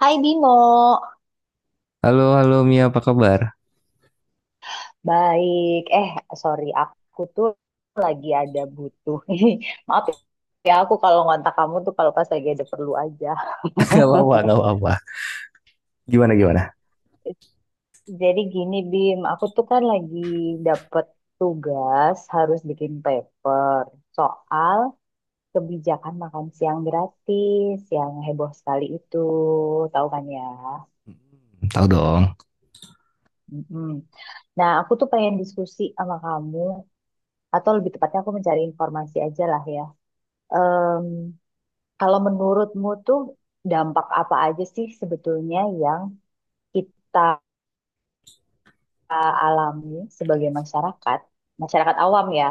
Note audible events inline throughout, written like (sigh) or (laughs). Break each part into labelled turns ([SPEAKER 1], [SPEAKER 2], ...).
[SPEAKER 1] Hai Bimo,
[SPEAKER 2] Halo, halo Mia, apa kabar?
[SPEAKER 1] baik. Sorry, aku tuh lagi ada butuh. (laughs) Maaf ya, aku kalau ngontak kamu tuh kalau pas lagi ada perlu aja.
[SPEAKER 2] (laughs)
[SPEAKER 1] (laughs)
[SPEAKER 2] Gak apa-apa, gak apa-apa. Gimana, gimana?
[SPEAKER 1] Jadi gini Bim, aku tuh kan lagi dapet tugas harus bikin paper soal kebijakan makan siang gratis yang heboh sekali itu, tahu kan ya?
[SPEAKER 2] Tahu dong.
[SPEAKER 1] Mm-mm. Nah, aku tuh pengen diskusi sama kamu, atau lebih tepatnya aku mencari informasi aja lah ya. Em, kalau menurutmu tuh dampak apa aja sih sebetulnya yang kita alami sebagai masyarakat, masyarakat awam ya,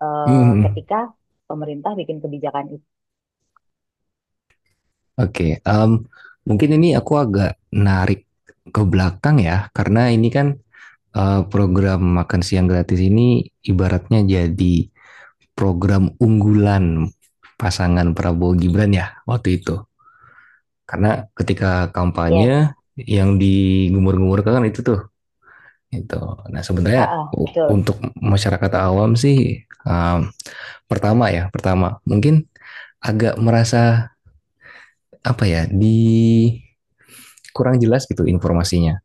[SPEAKER 1] eh,
[SPEAKER 2] Hmm,
[SPEAKER 1] ketika pemerintah bikin kebijakan itu?
[SPEAKER 2] oke, mungkin ini aku agak narik ke belakang ya, karena ini kan program makan siang gratis ini ibaratnya jadi program unggulan pasangan Prabowo Gibran ya waktu itu. Karena ketika kampanye
[SPEAKER 1] Yes,
[SPEAKER 2] yang digumur-gumurkan itu tuh, itu. Nah sebenarnya
[SPEAKER 1] ha-ah, betul.
[SPEAKER 2] untuk masyarakat awam sih, em, pertama ya, pertama mungkin agak merasa apa ya di kurang jelas gitu informasinya.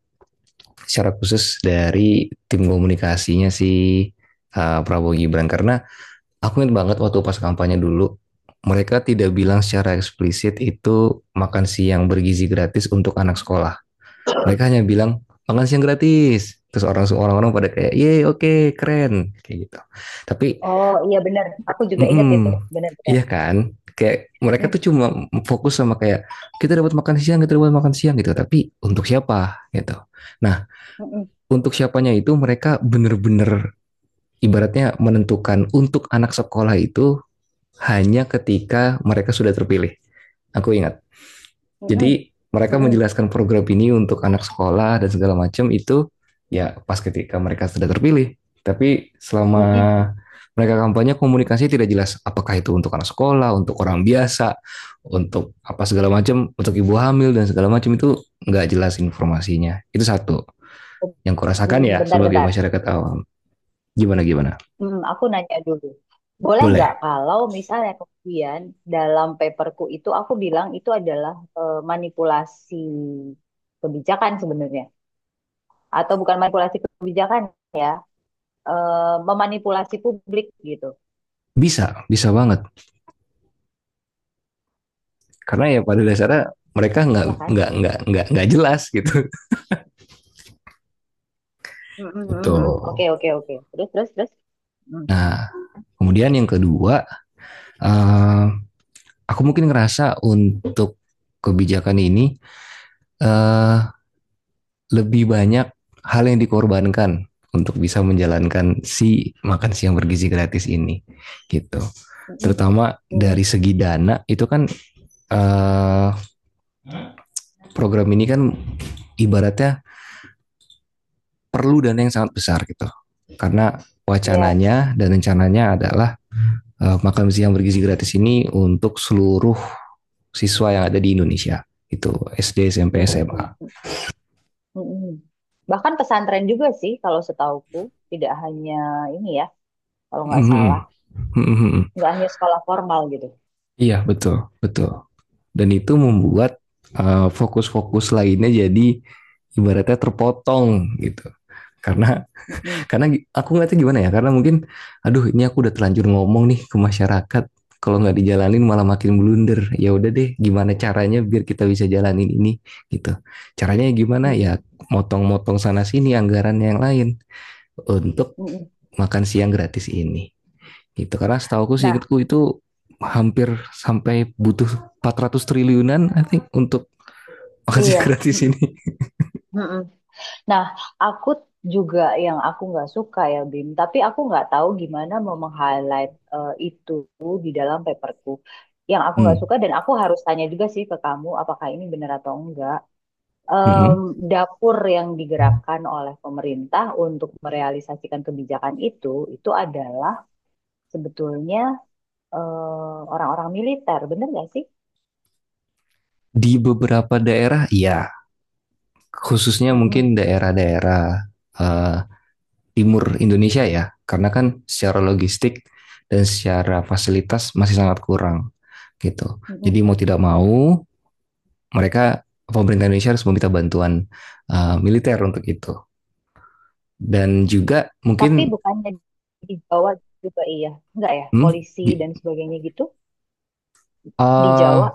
[SPEAKER 2] Secara khusus dari tim komunikasinya si Prabowo Gibran karena aku ingat banget waktu pas kampanye dulu mereka tidak bilang secara eksplisit itu makan siang bergizi gratis untuk anak sekolah. Mereka hanya bilang makan siang gratis. Terus orang orang pada kayak, "Ye, oke, okay, keren." kayak gitu. Tapi
[SPEAKER 1] Oh iya benar, aku juga ingat itu,
[SPEAKER 2] mm-mm.
[SPEAKER 1] benar-benar.
[SPEAKER 2] Iya kan? Kayak mereka tuh cuma fokus sama kayak kita dapat makan siang, kita dapat makan siang gitu. Tapi untuk siapa gitu. Nah,
[SPEAKER 1] Mm-mm,
[SPEAKER 2] untuk siapanya itu mereka bener-bener ibaratnya menentukan untuk anak sekolah itu hanya ketika mereka sudah terpilih. Aku ingat.
[SPEAKER 1] mm-mm,
[SPEAKER 2] Jadi mereka
[SPEAKER 1] mm-mm,
[SPEAKER 2] menjelaskan program ini untuk anak sekolah dan segala macam itu ya pas ketika mereka sudah terpilih. Tapi selama
[SPEAKER 1] mm-mm, mm-mm.
[SPEAKER 2] mereka kampanye komunikasi tidak jelas apakah itu untuk anak sekolah, untuk orang biasa, untuk apa segala macam, untuk ibu hamil dan segala macam itu nggak jelas informasinya. Itu satu yang kurasakan
[SPEAKER 1] Mm-mm.
[SPEAKER 2] ya sebagai
[SPEAKER 1] Bentar-bentar.
[SPEAKER 2] masyarakat awam. Gimana gimana?
[SPEAKER 1] Aku nanya dulu. Boleh nggak
[SPEAKER 2] Boleh,
[SPEAKER 1] kalau misalnya kemudian dalam paperku itu aku bilang itu adalah manipulasi kebijakan sebenarnya. Atau bukan manipulasi kebijakan ya, eh, memanipulasi publik gitu.
[SPEAKER 2] bisa, bisa banget. Karena ya pada dasarnya mereka nggak
[SPEAKER 1] Ya kan?
[SPEAKER 2] nggak nggak nggak nggak jelas gitu.
[SPEAKER 1] Hmm, hmm,
[SPEAKER 2] Itu.
[SPEAKER 1] hmm, hmm. Oke, oke, oke. Terus, terus, terus. Hmm,
[SPEAKER 2] Nah, kemudian yang kedua, eh, aku mungkin ngerasa untuk kebijakan ini eh, lebih banyak hal yang dikorbankan untuk bisa menjalankan si makan siang bergizi gratis ini, gitu.
[SPEAKER 1] hmm, hmm,
[SPEAKER 2] Terutama
[SPEAKER 1] hmm,
[SPEAKER 2] dari segi dana itu kan, eh, program ini kan ibaratnya perlu dana yang sangat besar gitu, karena
[SPEAKER 1] iya.
[SPEAKER 2] wacananya dan rencananya adalah makan siang bergizi gratis ini untuk seluruh siswa yang ada di Indonesia itu SD
[SPEAKER 1] Hmm.
[SPEAKER 2] SMP
[SPEAKER 1] Ya. Hmm,
[SPEAKER 2] SMA.
[SPEAKER 1] hmm, hmm, hmm, hmm. Bahkan pesantren juga sih kalau setauku. Tidak hanya ini ya, kalau nggak salah.
[SPEAKER 2] Mhm. Mhm.
[SPEAKER 1] Nggak hanya sekolah formal gitu.
[SPEAKER 2] Iya betul betul dan itu
[SPEAKER 1] Mm, mm.
[SPEAKER 2] membuat fokus-fokus lainnya jadi ibaratnya terpotong gitu karena
[SPEAKER 1] Mm-mm,
[SPEAKER 2] aku ngeliatnya gimana ya karena mungkin aduh ini aku udah terlanjur ngomong nih ke masyarakat kalau nggak dijalanin malah makin blunder ya udah deh gimana caranya biar kita bisa jalanin ini gitu caranya gimana
[SPEAKER 1] mm-mm,
[SPEAKER 2] ya motong-motong sana sini anggaran yang lain untuk
[SPEAKER 1] mm-mm.
[SPEAKER 2] makan siang gratis ini gitu karena setahu aku
[SPEAKER 1] Nah,
[SPEAKER 2] seingatku itu hampir sampai butuh 400 triliunan I think untuk makan siang
[SPEAKER 1] iya.
[SPEAKER 2] (laughs) gratis
[SPEAKER 1] Mm-mm,
[SPEAKER 2] ini.
[SPEAKER 1] mm-mm. Nah, aku juga yang aku nggak suka ya, Bim. Tapi aku nggak tahu gimana mau meng-highlight itu di dalam paperku. Yang aku nggak
[SPEAKER 2] Hmm,
[SPEAKER 1] suka dan aku harus tanya juga sih ke kamu, apakah ini benar atau enggak.
[SPEAKER 2] mm,
[SPEAKER 1] Em, dapur yang digerakkan oleh pemerintah untuk merealisasikan kebijakan itu adalah sebetulnya orang-orang militer, benar nggak sih?
[SPEAKER 2] di beberapa daerah ya khususnya
[SPEAKER 1] Mm-mm,
[SPEAKER 2] mungkin daerah-daerah eh, timur Indonesia ya, karena kan secara logistik dan secara fasilitas masih sangat kurang gitu.
[SPEAKER 1] mm-mm, mm-mm.
[SPEAKER 2] Jadi mau tidak mau mereka pemerintah Indonesia harus meminta bantuan militer untuk itu. Dan juga
[SPEAKER 1] Tapi
[SPEAKER 2] mungkin
[SPEAKER 1] bukannya di Jawa juga iya, enggak ya,
[SPEAKER 2] hmm,
[SPEAKER 1] polisi dan
[SPEAKER 2] gi-
[SPEAKER 1] sebagainya gitu di Jawa.
[SPEAKER 2] eh,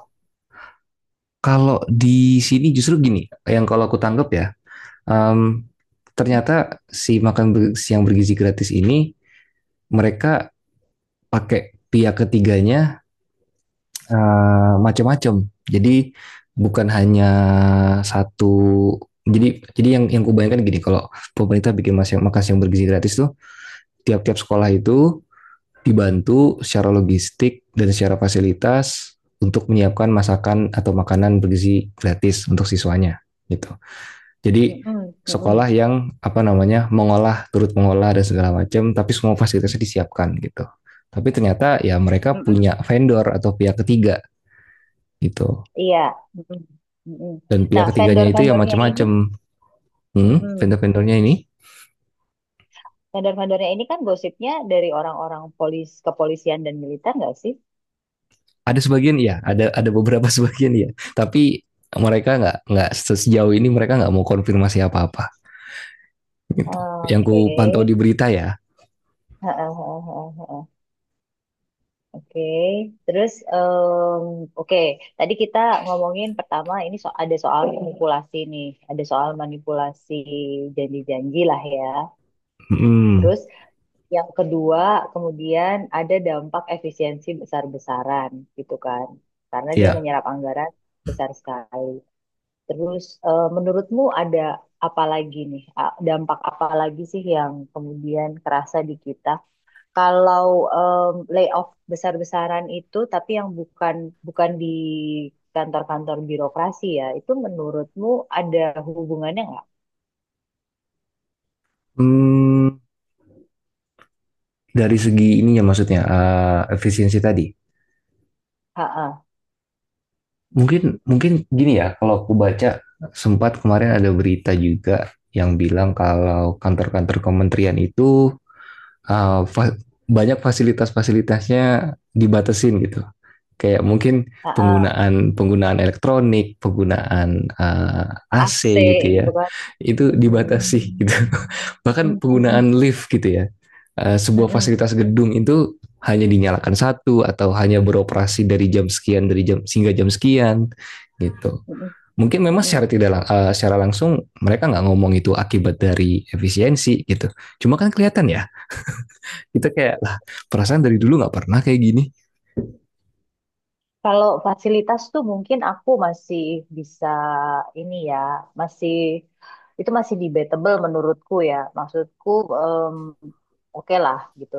[SPEAKER 2] kalau di sini justru gini, yang kalau aku tanggap ya, em,
[SPEAKER 1] Mm-mm,
[SPEAKER 2] ternyata si siang bergizi gratis ini mereka pakai pihak ketiganya macam-macam. Jadi bukan hanya satu. Jadi yang kubayangkan gini, kalau pemerintah bikin makan makan siang bergizi gratis tuh, tiap-tiap sekolah itu dibantu secara logistik dan secara fasilitas untuk menyiapkan masakan atau makanan bergizi gratis untuk siswanya gitu. Jadi
[SPEAKER 1] mm-mm, mm mm,
[SPEAKER 2] sekolah yang apa namanya mengolah turut mengolah dan segala macam tapi semua fasilitasnya disiapkan gitu. Tapi ternyata ya mereka
[SPEAKER 1] mm,
[SPEAKER 2] punya vendor atau pihak ketiga gitu.
[SPEAKER 1] iya. Mm-mm.
[SPEAKER 2] Dan pihak
[SPEAKER 1] Nah,
[SPEAKER 2] ketiganya itu ya macam-macam. Hmm,
[SPEAKER 1] mm
[SPEAKER 2] vendor-vendornya ini
[SPEAKER 1] vendor-vendornya ini kan gosipnya dari orang-orang polis, kepolisian dan militer nggak sih?
[SPEAKER 2] ada sebagian ya, ada beberapa (laughs) sebagian ya. Tapi mereka nggak sejauh ini mereka nggak mau konfirmasi apa-apa. Yang ku
[SPEAKER 1] Oke.
[SPEAKER 2] pantau di berita ya.
[SPEAKER 1] Heeh, heeh, heeh, heeh. Oke, terus oke. Tadi kita ngomongin pertama ini so ada soal manipulasi nih, ada soal manipulasi janji-janji lah ya.
[SPEAKER 2] Hmm,
[SPEAKER 1] Terus yang kedua, kemudian ada dampak efisiensi besar-besaran gitu kan. Karena dia
[SPEAKER 2] ya.
[SPEAKER 1] menyerap anggaran besar sekali. Terus menurutmu ada apa lagi nih? Dampak apa lagi sih yang kemudian kerasa di kita? Kalau em, layoff besar-besaran itu tapi yang bukan bukan di kantor-kantor birokrasi ya, itu menurutmu ada hubungannya nggak?
[SPEAKER 2] Hmm, dari segi ininya maksudnya efisiensi tadi.
[SPEAKER 1] Ha-ha,
[SPEAKER 2] Mungkin mungkin gini ya, kalau aku baca sempat kemarin ada berita juga yang bilang kalau kantor-kantor kementerian itu uh, fa- banyak fasilitas-fasilitasnya dibatasin gitu. Kayak mungkin
[SPEAKER 1] ha-ha,
[SPEAKER 2] penggunaan penggunaan elektronik, penggunaan
[SPEAKER 1] AC
[SPEAKER 2] AC gitu ya,
[SPEAKER 1] gitu kan.
[SPEAKER 2] itu
[SPEAKER 1] Mhm.
[SPEAKER 2] dibatasi gitu. (laughs)
[SPEAKER 1] Mhm,
[SPEAKER 2] Bahkan
[SPEAKER 1] mhm. Mhm.
[SPEAKER 2] penggunaan lift gitu ya, sebuah
[SPEAKER 1] Mm-mm,
[SPEAKER 2] fasilitas
[SPEAKER 1] mm-mm,
[SPEAKER 2] gedung itu hanya dinyalakan satu atau hanya beroperasi dari jam sekian dari jam sehingga jam sekian gitu. Mungkin memang
[SPEAKER 1] mm-mm.
[SPEAKER 2] secara tidak secara langsung mereka nggak ngomong itu akibat dari efisiensi gitu. Cuma kan kelihatan ya kita kayak lah perasaan dari dulu nggak pernah kayak gini.
[SPEAKER 1] Kalau fasilitas tuh mungkin aku masih bisa ini ya, masih itu masih debatable menurutku ya. Maksudku em, oke lah gitu.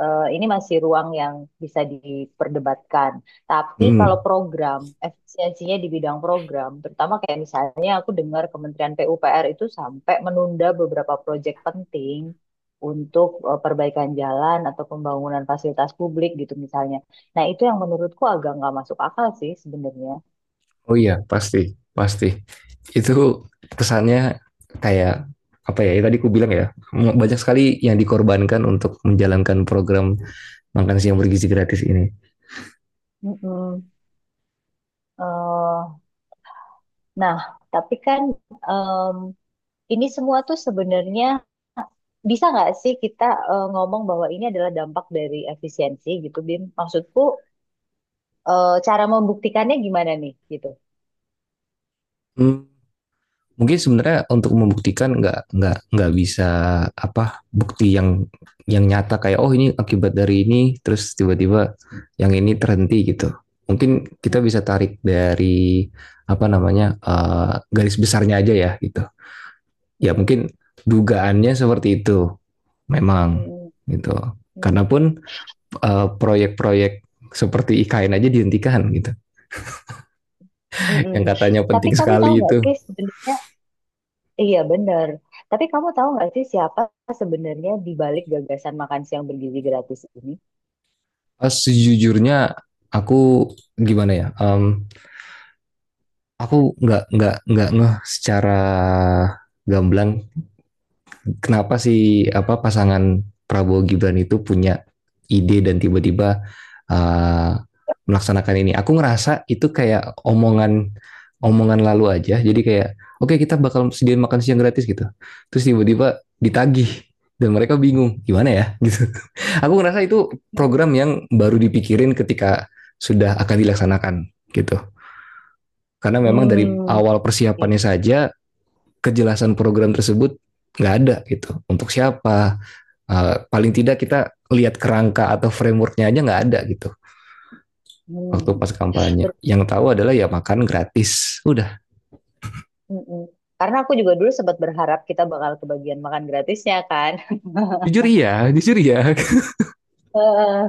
[SPEAKER 1] Ini masih ruang yang bisa diperdebatkan. Tapi kalau
[SPEAKER 2] Hmm.
[SPEAKER 1] program, efisiensinya di bidang program, terutama kayak misalnya aku dengar Kementerian PUPR itu sampai menunda beberapa proyek penting untuk perbaikan jalan atau pembangunan fasilitas publik gitu misalnya. Nah, itu yang menurutku agak nggak masuk akal sih sebenarnya.
[SPEAKER 2] Oh iya pasti pasti itu kesannya kayak apa ya, ya tadi aku bilang ya banyak sekali yang dikorbankan untuk menjalankan program makan siang bergizi gratis ini.
[SPEAKER 1] Mm-mm. Eh, nah, tapi kan em, ini semua tuh sebenarnya bisa nggak sih kita ngomong bahwa ini adalah dampak dari efisiensi gitu, Bim? Maksudku cara membuktikannya gimana nih gitu?
[SPEAKER 2] Hmm. Mungkin sebenarnya untuk membuktikan nggak bisa apa bukti yang nyata kayak oh ini akibat dari ini terus tiba-tiba yang ini terhenti gitu mungkin kita
[SPEAKER 1] Mm-mm,
[SPEAKER 2] bisa tarik dari apa namanya garis besarnya aja ya gitu ya
[SPEAKER 1] mm-mm,
[SPEAKER 2] mungkin dugaannya seperti itu memang
[SPEAKER 1] mm
[SPEAKER 2] gitu
[SPEAKER 1] mm,
[SPEAKER 2] karena pun proyek-proyek seperti IKN aja dihentikan gitu (laughs)
[SPEAKER 1] mm.
[SPEAKER 2] yang katanya
[SPEAKER 1] Tapi
[SPEAKER 2] penting
[SPEAKER 1] kamu tahu
[SPEAKER 2] sekali
[SPEAKER 1] nggak
[SPEAKER 2] itu.
[SPEAKER 1] sih sebenarnya? Iya benar. Tapi kamu tahu nggak sih siapa sebenarnya di balik gagasan makan siang bergizi gratis ini?
[SPEAKER 2] Sejujurnya aku gimana ya, aku nggak ngeh secara gamblang kenapa sih apa pasangan Prabowo Gibran itu punya ide dan tiba-tiba uh, melaksanakan ini. Aku ngerasa itu kayak omongan omongan lalu aja. Jadi kayak oke okay, kita bakal sediain makan siang gratis gitu. Terus tiba-tiba ditagih dan mereka bingung gimana ya (laughs) gitu. Aku ngerasa itu program yang baru dipikirin ketika sudah akan dilaksanakan gitu. Karena memang dari
[SPEAKER 1] Hmm,
[SPEAKER 2] awal
[SPEAKER 1] iya.
[SPEAKER 2] persiapannya saja kejelasan program tersebut nggak ada gitu untuk siapa, paling tidak kita lihat kerangka atau frameworknya aja nggak ada gitu waktu
[SPEAKER 1] Hmm,
[SPEAKER 2] pas kampanye
[SPEAKER 1] bet-
[SPEAKER 2] yang tahu adalah ya makan gratis udah.
[SPEAKER 1] mm-mm. Karena aku juga dulu sempat berharap kita bakal kebagian makan gratisnya kan. (laughs)
[SPEAKER 2] Jujur iya, jujur iya.
[SPEAKER 1] Eh,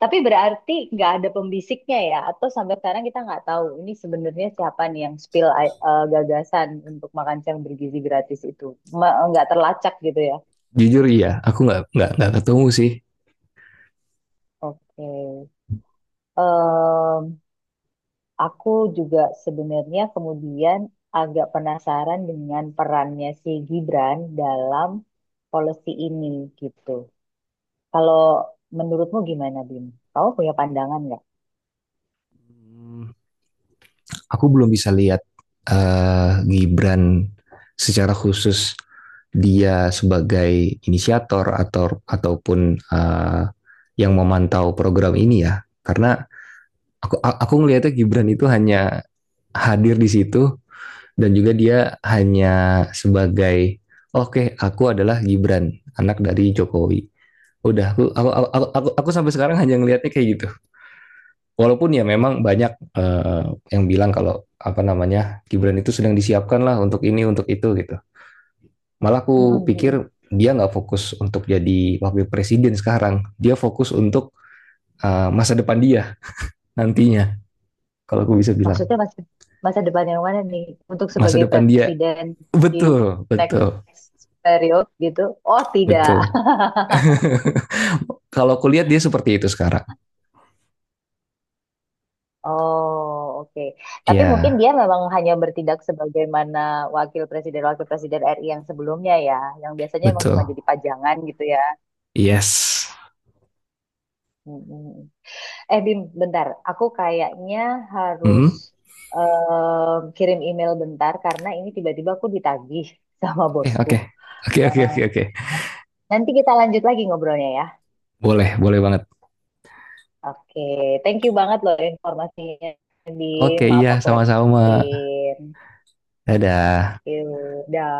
[SPEAKER 1] tapi berarti nggak ada pembisiknya ya? Atau sampai sekarang kita nggak tahu ini sebenarnya siapa nih yang spill gagasan untuk makan siang bergizi gratis itu? Nggak terlacak gitu ya?
[SPEAKER 2] (laughs) Jujur iya aku nggak ketemu sih.
[SPEAKER 1] Oke. Em, aku juga sebenarnya kemudian agak penasaran dengan perannya si Gibran dalam policy ini gitu. Kalau menurutmu gimana, Bim? Kamu punya pandangan nggak?
[SPEAKER 2] Aku belum bisa lihat Gibran secara khusus dia sebagai inisiator atau ataupun yang memantau program ini ya karena aku ngelihatnya Gibran itu hanya hadir di situ dan juga dia hanya sebagai oke okay, aku adalah Gibran anak dari Jokowi udah aku, sampai sekarang hanya ngelihatnya kayak gitu walaupun ya memang banyak yang bilang kalau apa namanya Gibran itu sedang disiapkan lah untuk ini untuk itu gitu malah
[SPEAKER 1] Mm-mm,
[SPEAKER 2] aku pikir
[SPEAKER 1] mm-mm.
[SPEAKER 2] dia nggak fokus untuk jadi wakil presiden sekarang dia fokus untuk masa depan dia nantinya kalau aku bisa bilang
[SPEAKER 1] Maksudnya masa depan yang mana nih untuk
[SPEAKER 2] masa
[SPEAKER 1] sebagai
[SPEAKER 2] depan dia.
[SPEAKER 1] presiden di
[SPEAKER 2] Betul, betul,
[SPEAKER 1] next period gitu? Oh, tidak.
[SPEAKER 2] betul. Kalau kulihat dia seperti itu sekarang.
[SPEAKER 1] (laughs) Oh, oke. Tapi mungkin
[SPEAKER 2] Iya,
[SPEAKER 1] dia memang hanya bertindak sebagaimana wakil presiden-wakil presiden RI yang sebelumnya ya, yang biasanya emang cuma
[SPEAKER 2] betul.
[SPEAKER 1] jadi pajangan gitu ya.
[SPEAKER 2] Yes.
[SPEAKER 1] Mm-mm. Eh Bim, bentar. Aku kayaknya harus
[SPEAKER 2] Hmm?
[SPEAKER 1] kirim email bentar karena ini tiba-tiba aku ditagih (laughs) sama
[SPEAKER 2] Oke,
[SPEAKER 1] bosku.
[SPEAKER 2] oke. Oke, oke,
[SPEAKER 1] Eh,
[SPEAKER 2] oke, oke.
[SPEAKER 1] nanti kita lanjut lagi ngobrolnya ya.
[SPEAKER 2] Boleh, boleh banget.
[SPEAKER 1] Oke, thank you banget loh informasinya, Bim.
[SPEAKER 2] Oke,
[SPEAKER 1] Maaf
[SPEAKER 2] iya,
[SPEAKER 1] aku
[SPEAKER 2] sama-sama.
[SPEAKER 1] repotin.
[SPEAKER 2] Dadah.
[SPEAKER 1] Yaudah.